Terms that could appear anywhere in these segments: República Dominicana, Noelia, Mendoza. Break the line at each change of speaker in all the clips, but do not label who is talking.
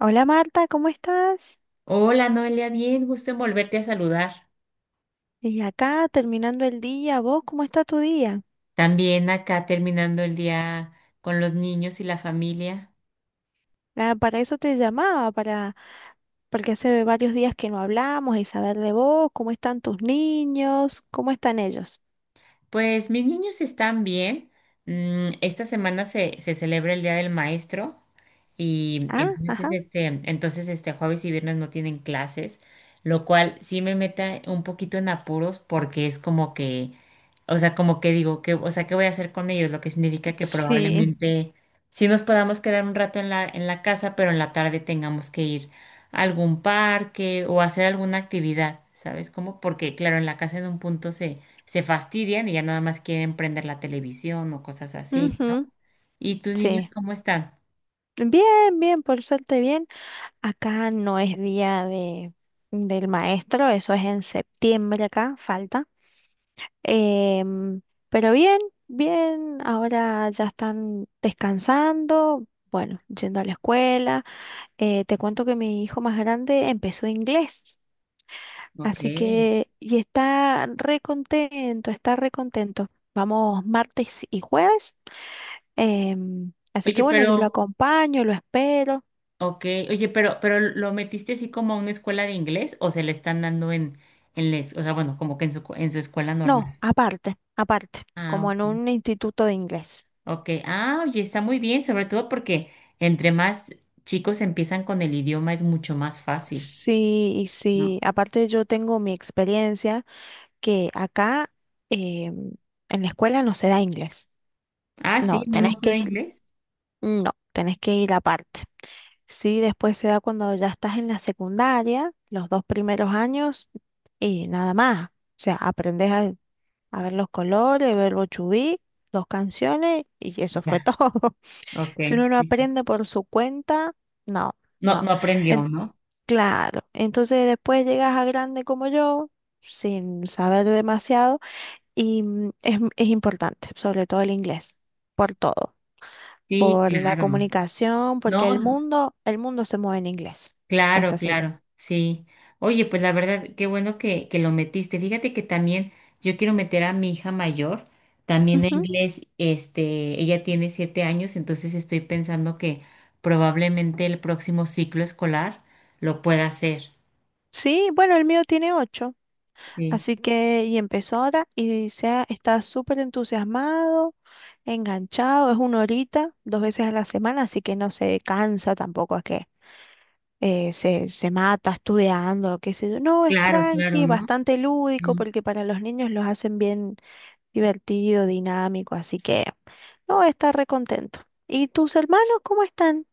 Hola Marta, ¿cómo estás?
Hola Noelia, bien, gusto en volverte a saludar.
Y acá terminando el día, ¿vos cómo está tu día?
También acá terminando el día con los niños y la familia.
Ah, para eso te llamaba, porque hace varios días que no hablamos y saber de vos, cómo están tus niños, cómo están ellos.
Pues mis niños están bien. Esta semana se celebra el Día del Maestro y
Ah, ajá,
entonces este jueves y viernes no tienen clases, lo cual sí me mete un poquito en apuros porque es como que, o sea, como que digo, o sea, ¿qué voy a hacer con ellos? Lo que significa que
sí,
probablemente sí nos podamos quedar un rato en en la casa, pero en la tarde tengamos que ir a algún parque o hacer alguna actividad, ¿sabes cómo? Porque claro, en la casa en un punto se fastidian y ya nada más quieren prender la televisión o cosas así, ¿no?
ujú,
¿Y tus niños
sí.
cómo están?
Bien, bien, por suerte bien. Acá no es día del maestro, eso es en septiembre acá, falta. Em, pero bien, bien, ahora ya están descansando, bueno, yendo a la escuela. Te cuento que mi hijo más grande empezó inglés,
Ok.
así que y está re contento, está re contento. Vamos martes y jueves, así que
Oye,
bueno, yo lo
pero,
acompaño, lo espero.
ok, oye, pero ¿lo metiste así como a una escuela de inglés o se le están dando o sea, bueno, como que en en su escuela
No,
normal?
aparte, aparte,
Ah,
como en
ok.
un instituto de inglés.
Ok, ah, oye, está muy bien, sobre todo porque entre más chicos empiezan con el idioma es mucho más fácil,
Sí, y
¿no?
sí, aparte yo tengo mi experiencia, que acá, eh, en la escuela no se da inglés.
Ah,
No,
sí, no me
tenés
gusta
que
de
ir,
inglés.
no, tenés que ir aparte. Sí, después se da cuando ya estás en la secundaria, los dos primeros años y nada más. O sea, aprendes a ver los colores, verbo to be, dos canciones y eso fue
Ya,
todo.
ok.
Si uno no
Sí.
aprende por su cuenta, no,
No,
no.
no
En-
aprendió, ¿no?
claro, entonces después llegas a grande como yo, sin saber demasiado. Y es importante, sobre todo el inglés, por todo,
Sí,
por la
claro.
comunicación, porque
No, no,
el mundo se mueve en inglés. Es
claro,
así.
claro, sí. Oye, pues la verdad, qué bueno que lo metiste. Fíjate que también yo quiero meter a mi hija mayor, también a
Ujú.
inglés, este, ella tiene 7 años, entonces estoy pensando que probablemente el próximo ciclo escolar lo pueda hacer.
Sí, bueno, el mío tiene 8,
Sí,
así que y empezó ahora y está súper entusiasmado, enganchado, es una horita, dos veces a la semana, así que no se cansa tampoco, es que se mata estudiando, qué sé yo. No, es
claro, claro,
tranqui,
¿no?
bastante lúdico, porque para los niños los hacen bien divertido, dinámico, así que no voy a estar recontento. ¿Y tus hermanos cómo están?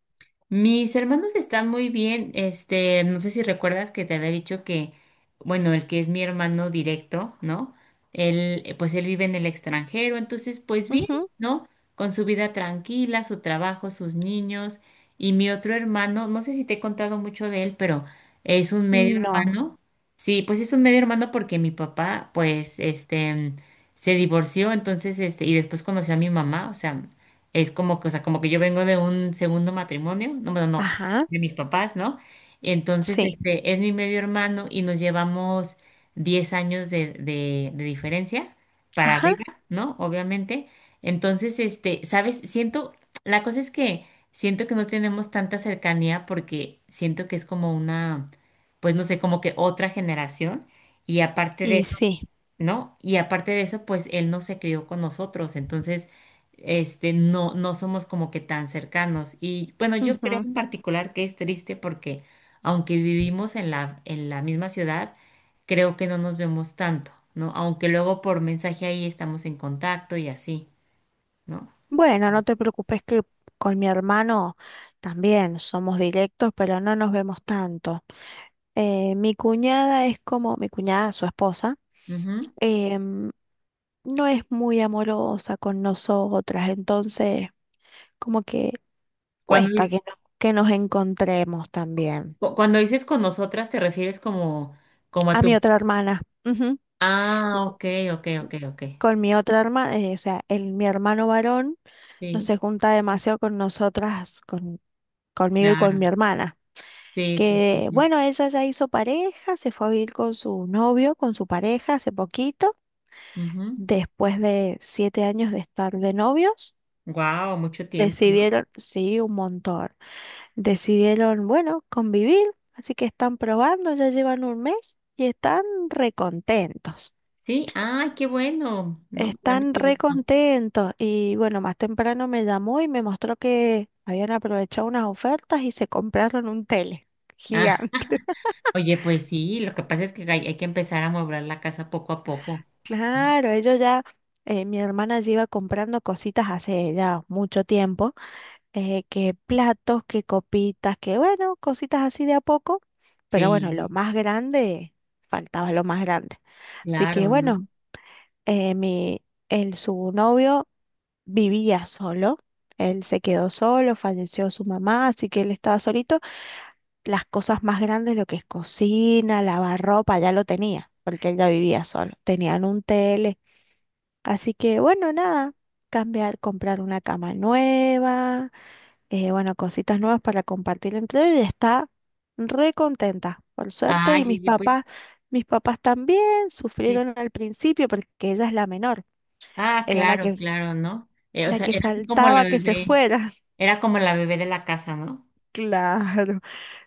Mis hermanos están muy bien. Este, no sé si recuerdas que te había dicho que, bueno, el que es mi hermano directo, ¿no? Él, pues él vive en el extranjero, entonces, pues bien,
Ujú,
¿no? Con su vida tranquila, su trabajo, sus niños. Y mi otro hermano, no sé si te he contado mucho de él, pero es un medio
no,
hermano. Sí, pues es un medio hermano porque mi papá, pues, este, se divorció, entonces, este, y después conoció a mi mamá, o sea. Es como que, o sea, como que yo vengo de un segundo matrimonio, no, bueno, no,
ajá,
de mis papás, ¿no? Entonces,
sí,
este, es mi medio hermano y nos llevamos 10 años de diferencia para
ajá,
arriba, ¿no? Obviamente. Entonces, este, ¿sabes? Siento, la cosa es que siento que no tenemos tanta cercanía porque siento que es como una, pues no sé, como que otra generación. Y aparte
y sí.
¿no? Y aparte de eso, pues él no se crió con nosotros, entonces, este, no, no somos como que tan cercanos. Y bueno, yo creo
Ujú.
en particular que es triste porque aunque vivimos en en la misma ciudad, creo que no nos vemos tanto, ¿no? Aunque luego por mensaje ahí estamos en contacto y así, ¿no?
Bueno, no te preocupes que con mi hermano también somos directos, pero no nos vemos tanto. Mi cuñada es como mi cuñada, su esposa.
Ujú.
em, no es muy amorosa con nosotras, entonces como que
Cuando,
cuesta
dices-
que, que nos encontremos también.
cu- cuando dices con nosotras, te refieres como, como a
A
tu...
mi otra hermana, ujú,
Ah, ok, ok, ok, ok.
con mi otra hermana. O sea, mi hermano varón no
Sí,
se junta demasiado con nosotras, con, conmigo y con
claro.
mi hermana.
Sí, sí, sí,
Que
sí.
bueno, ella ya hizo pareja, se fue a vivir con su novio, con su pareja hace poquito,
Ujú.
después de 7 años de estar de novios,
Wow, mucho tiempo, ¿no?
decidieron, sí, un montón. Decidieron, bueno, convivir, así que están probando, ya llevan un mes y están recontentos.
Sí, ay, qué bueno, ¿no? Me da
Están
mucho gusto.
recontentos y bueno, más temprano me llamó y me mostró que habían aprovechado unas ofertas y se compraron un tele
Ah,
gigante.
oye, pues sí, lo que pasa es que hay que empezar a amueblar la casa poco a poco, ¿no?
Claro, ellos ya, mi hermana ya iba comprando cositas hace ya mucho tiempo, que platos, que copitas, que bueno, cositas así de a poco, pero bueno, lo
Sí,
más grande, faltaba lo más grande. Así que
claro, ¿no?
bueno, eh, mi, su novio vivía solo, él se quedó solo, falleció su mamá, así que él estaba solito. Las cosas más grandes, lo que es cocina, lavar ropa, ya lo tenía, porque él ya vivía solo, tenían un tele, así que bueno, nada, cambiar, comprar una cama nueva, bueno, cositas nuevas para compartir entre ellos y está re contenta, por suerte.
Ay,
Y
oye, pues
mis papás también
sí.
sufrieron al principio porque ella es la menor,
Ah,
era
claro, claro, ¿no? O
la
sea,
que
era así como la
faltaba que se
bebé,
fuera.
era como la bebé de la casa, ¿no?
Claro,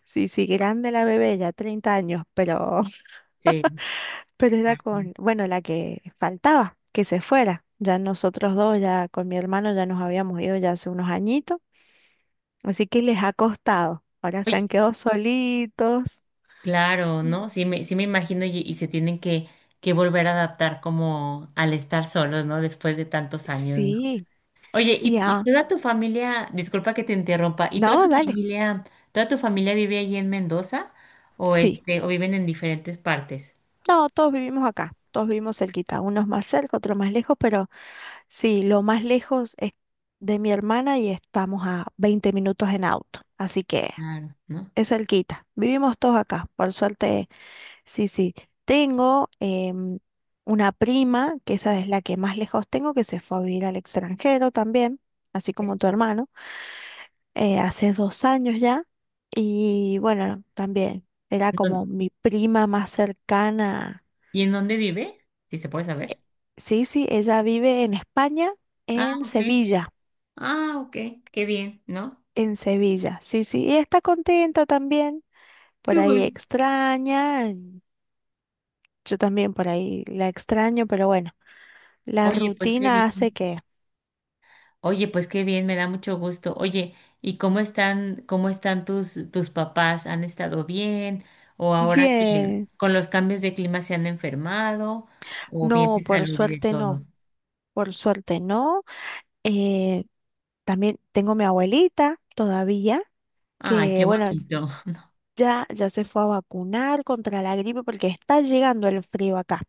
sí, sí, grande la bebé, ya 30 años, pero
Sí,
pero era
claro. ¿No?
con, bueno, la que faltaba que se fuera. Ya nosotros dos, ya con mi hermano, ya nos habíamos ido ya hace unos añitos, así que les ha costado. Ahora se
Oye,
han quedado solitos.
claro, ¿no? Sí me imagino y se tienen que volver a adaptar como al estar solos, ¿no? Después de tantos años,
Sí,
oye, ¿y
ya.
toda tu familia, disculpa que te interrumpa, ¿y
No, dale.
toda tu familia vive allí en Mendoza o
Sí.
este, o viven en diferentes partes?
No, todos vivimos acá. Todos vivimos cerquita. Unos más cerca, otros más lejos, pero sí, lo más lejos es de mi hermana y estamos a 20 minutos en auto. Así que
Claro, ¿no?
es cerquita. Vivimos todos acá. Por suerte, sí, sí. Tengo una prima, que esa es la que más lejos tengo, que se fue a vivir al extranjero también, así
Sí.
como tu hermano. Hace 2 años ya. Y bueno, también era
¿En
como
dónde-
mi prima más cercana.
¿y en dónde vive? Si se puede saber.
Sí, sí, ella vive en España,
Ah,
en
ok.
Sevilla,
Ah, ok. Qué bien, ¿no?
en Sevilla. Sí, sí, y está contenta también.
Qué
Por ahí
bueno.
extraña, yo también por ahí la extraño, pero bueno, la
Oye, pues qué
rutina hace
bien.
que...
Oye, pues qué bien, me da mucho gusto. Oye, ¿y cómo están tus papás? ¿Han estado bien? ¿O ahora que
Bien,
con los cambios de clima se han enfermado? ¿O bien
no,
de
por
salud y de
suerte no,
todo?
por suerte no. Eh, También tengo mi abuelita todavía,
Ay,
que
qué
bueno,
bonito.
ya, ya se fue a vacunar contra la gripe porque está llegando el frío acá.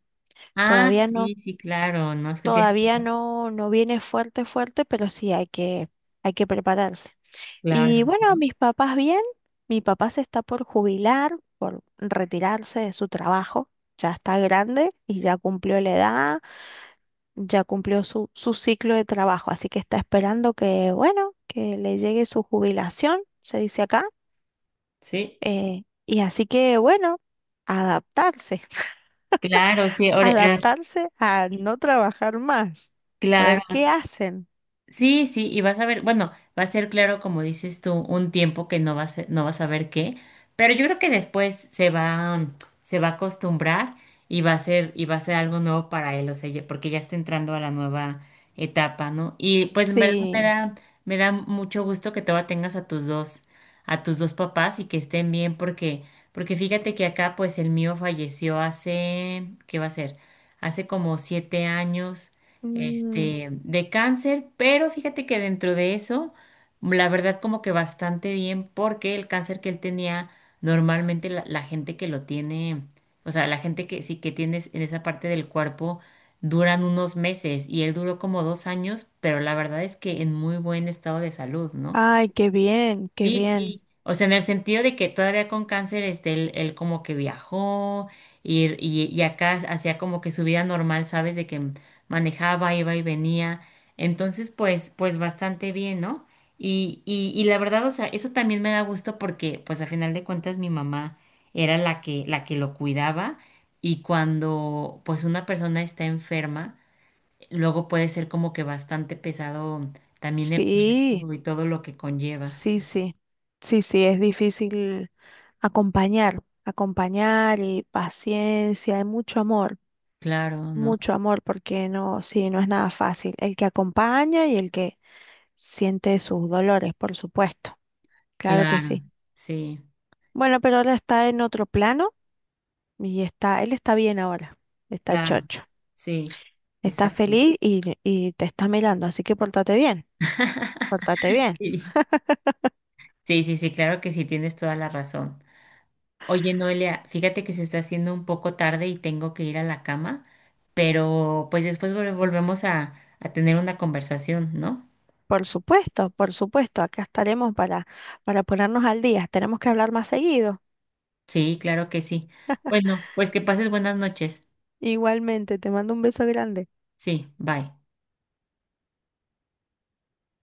Ah,
Todavía no,
sí, sí, claro, no es que tiene,
todavía no, no viene fuerte, fuerte, pero sí hay que prepararse. Y
claro,
bueno,
¿no?
mis papás bien, mi papá se está por jubilar, por retirarse de su trabajo. Ya está grande y ya cumplió la edad, ya cumplió su, su ciclo de trabajo, así que está esperando que, bueno, que le llegue su jubilación, se dice acá.
Sí,
Y así que, bueno, adaptarse.
claro, sí, ahora,
Adaptarse a no trabajar más. A
claro,
ver, ¿qué hacen?
sí, sí, y vas a ver, bueno, va a ser claro, como dices tú, un tiempo que no vas, a- no vas a ver qué, pero yo creo que después se va a acostumbrar y va a ser, y va a ser algo nuevo para él, o sea, ya- porque ya está entrando a la nueva etapa, ¿no? Y pues en verdad
Sí.
me da mucho gusto que todavía tengas a tus dos papás y que estén bien, porque, porque fíjate que acá, pues el mío falleció hace, ¿qué va a ser? Hace como 7 años
Mm,
este, de cáncer, pero fíjate que dentro de eso, la verdad como que bastante bien, porque el cáncer que él tenía, normalmente la gente que lo tiene, o sea, la gente que sí que tienes en esa parte del cuerpo, duran unos meses y él duró como 2 años, pero la verdad es que en muy buen estado de salud, ¿no?
ay, qué bien, qué
Sí,
bien.
sí. O sea, en el sentido de que todavía con cáncer, este, él como que viajó y acá hacía como que su vida normal, ¿sabes? De que manejaba, iba y venía. Entonces, pues, pues bastante bien, ¿no? Y la verdad, o sea, eso también me da gusto porque, pues, a final de cuentas, mi mamá era la que lo cuidaba y cuando, pues, una persona está enferma, luego puede ser como que bastante pesado también el
Sí,
cuidado y todo lo que conlleva.
sí, sí. Sí, sí, es difícil acompañar, acompañar y paciencia y
Claro, ¿no?
mucho amor, porque no, sí, no es nada fácil. El que acompaña y el que siente sus dolores, por supuesto. Claro que
Claro,
sí.
sí,
Bueno, pero ahora está en otro plano y está, él está bien ahora, está
claro,
chocho.
sí,
Estás
exacto.
feliz y te está mirando, así que pórtate bien, pórtate bien.
Sí, sí, sí, sí, claro que sí, tienes toda la razón. Oye, Noelia, fíjate que se está haciendo un poco tarde y tengo que ir a la cama, pero pues después vol- volvemos a tener una conversación, ¿no?
Por supuesto, acá estaremos para ponernos al día. Tenemos que hablar más seguido.
Sí, claro que sí. Bueno, pues que pases buenas noches.
Igualmente, te mando un beso grande.
Sí, bye.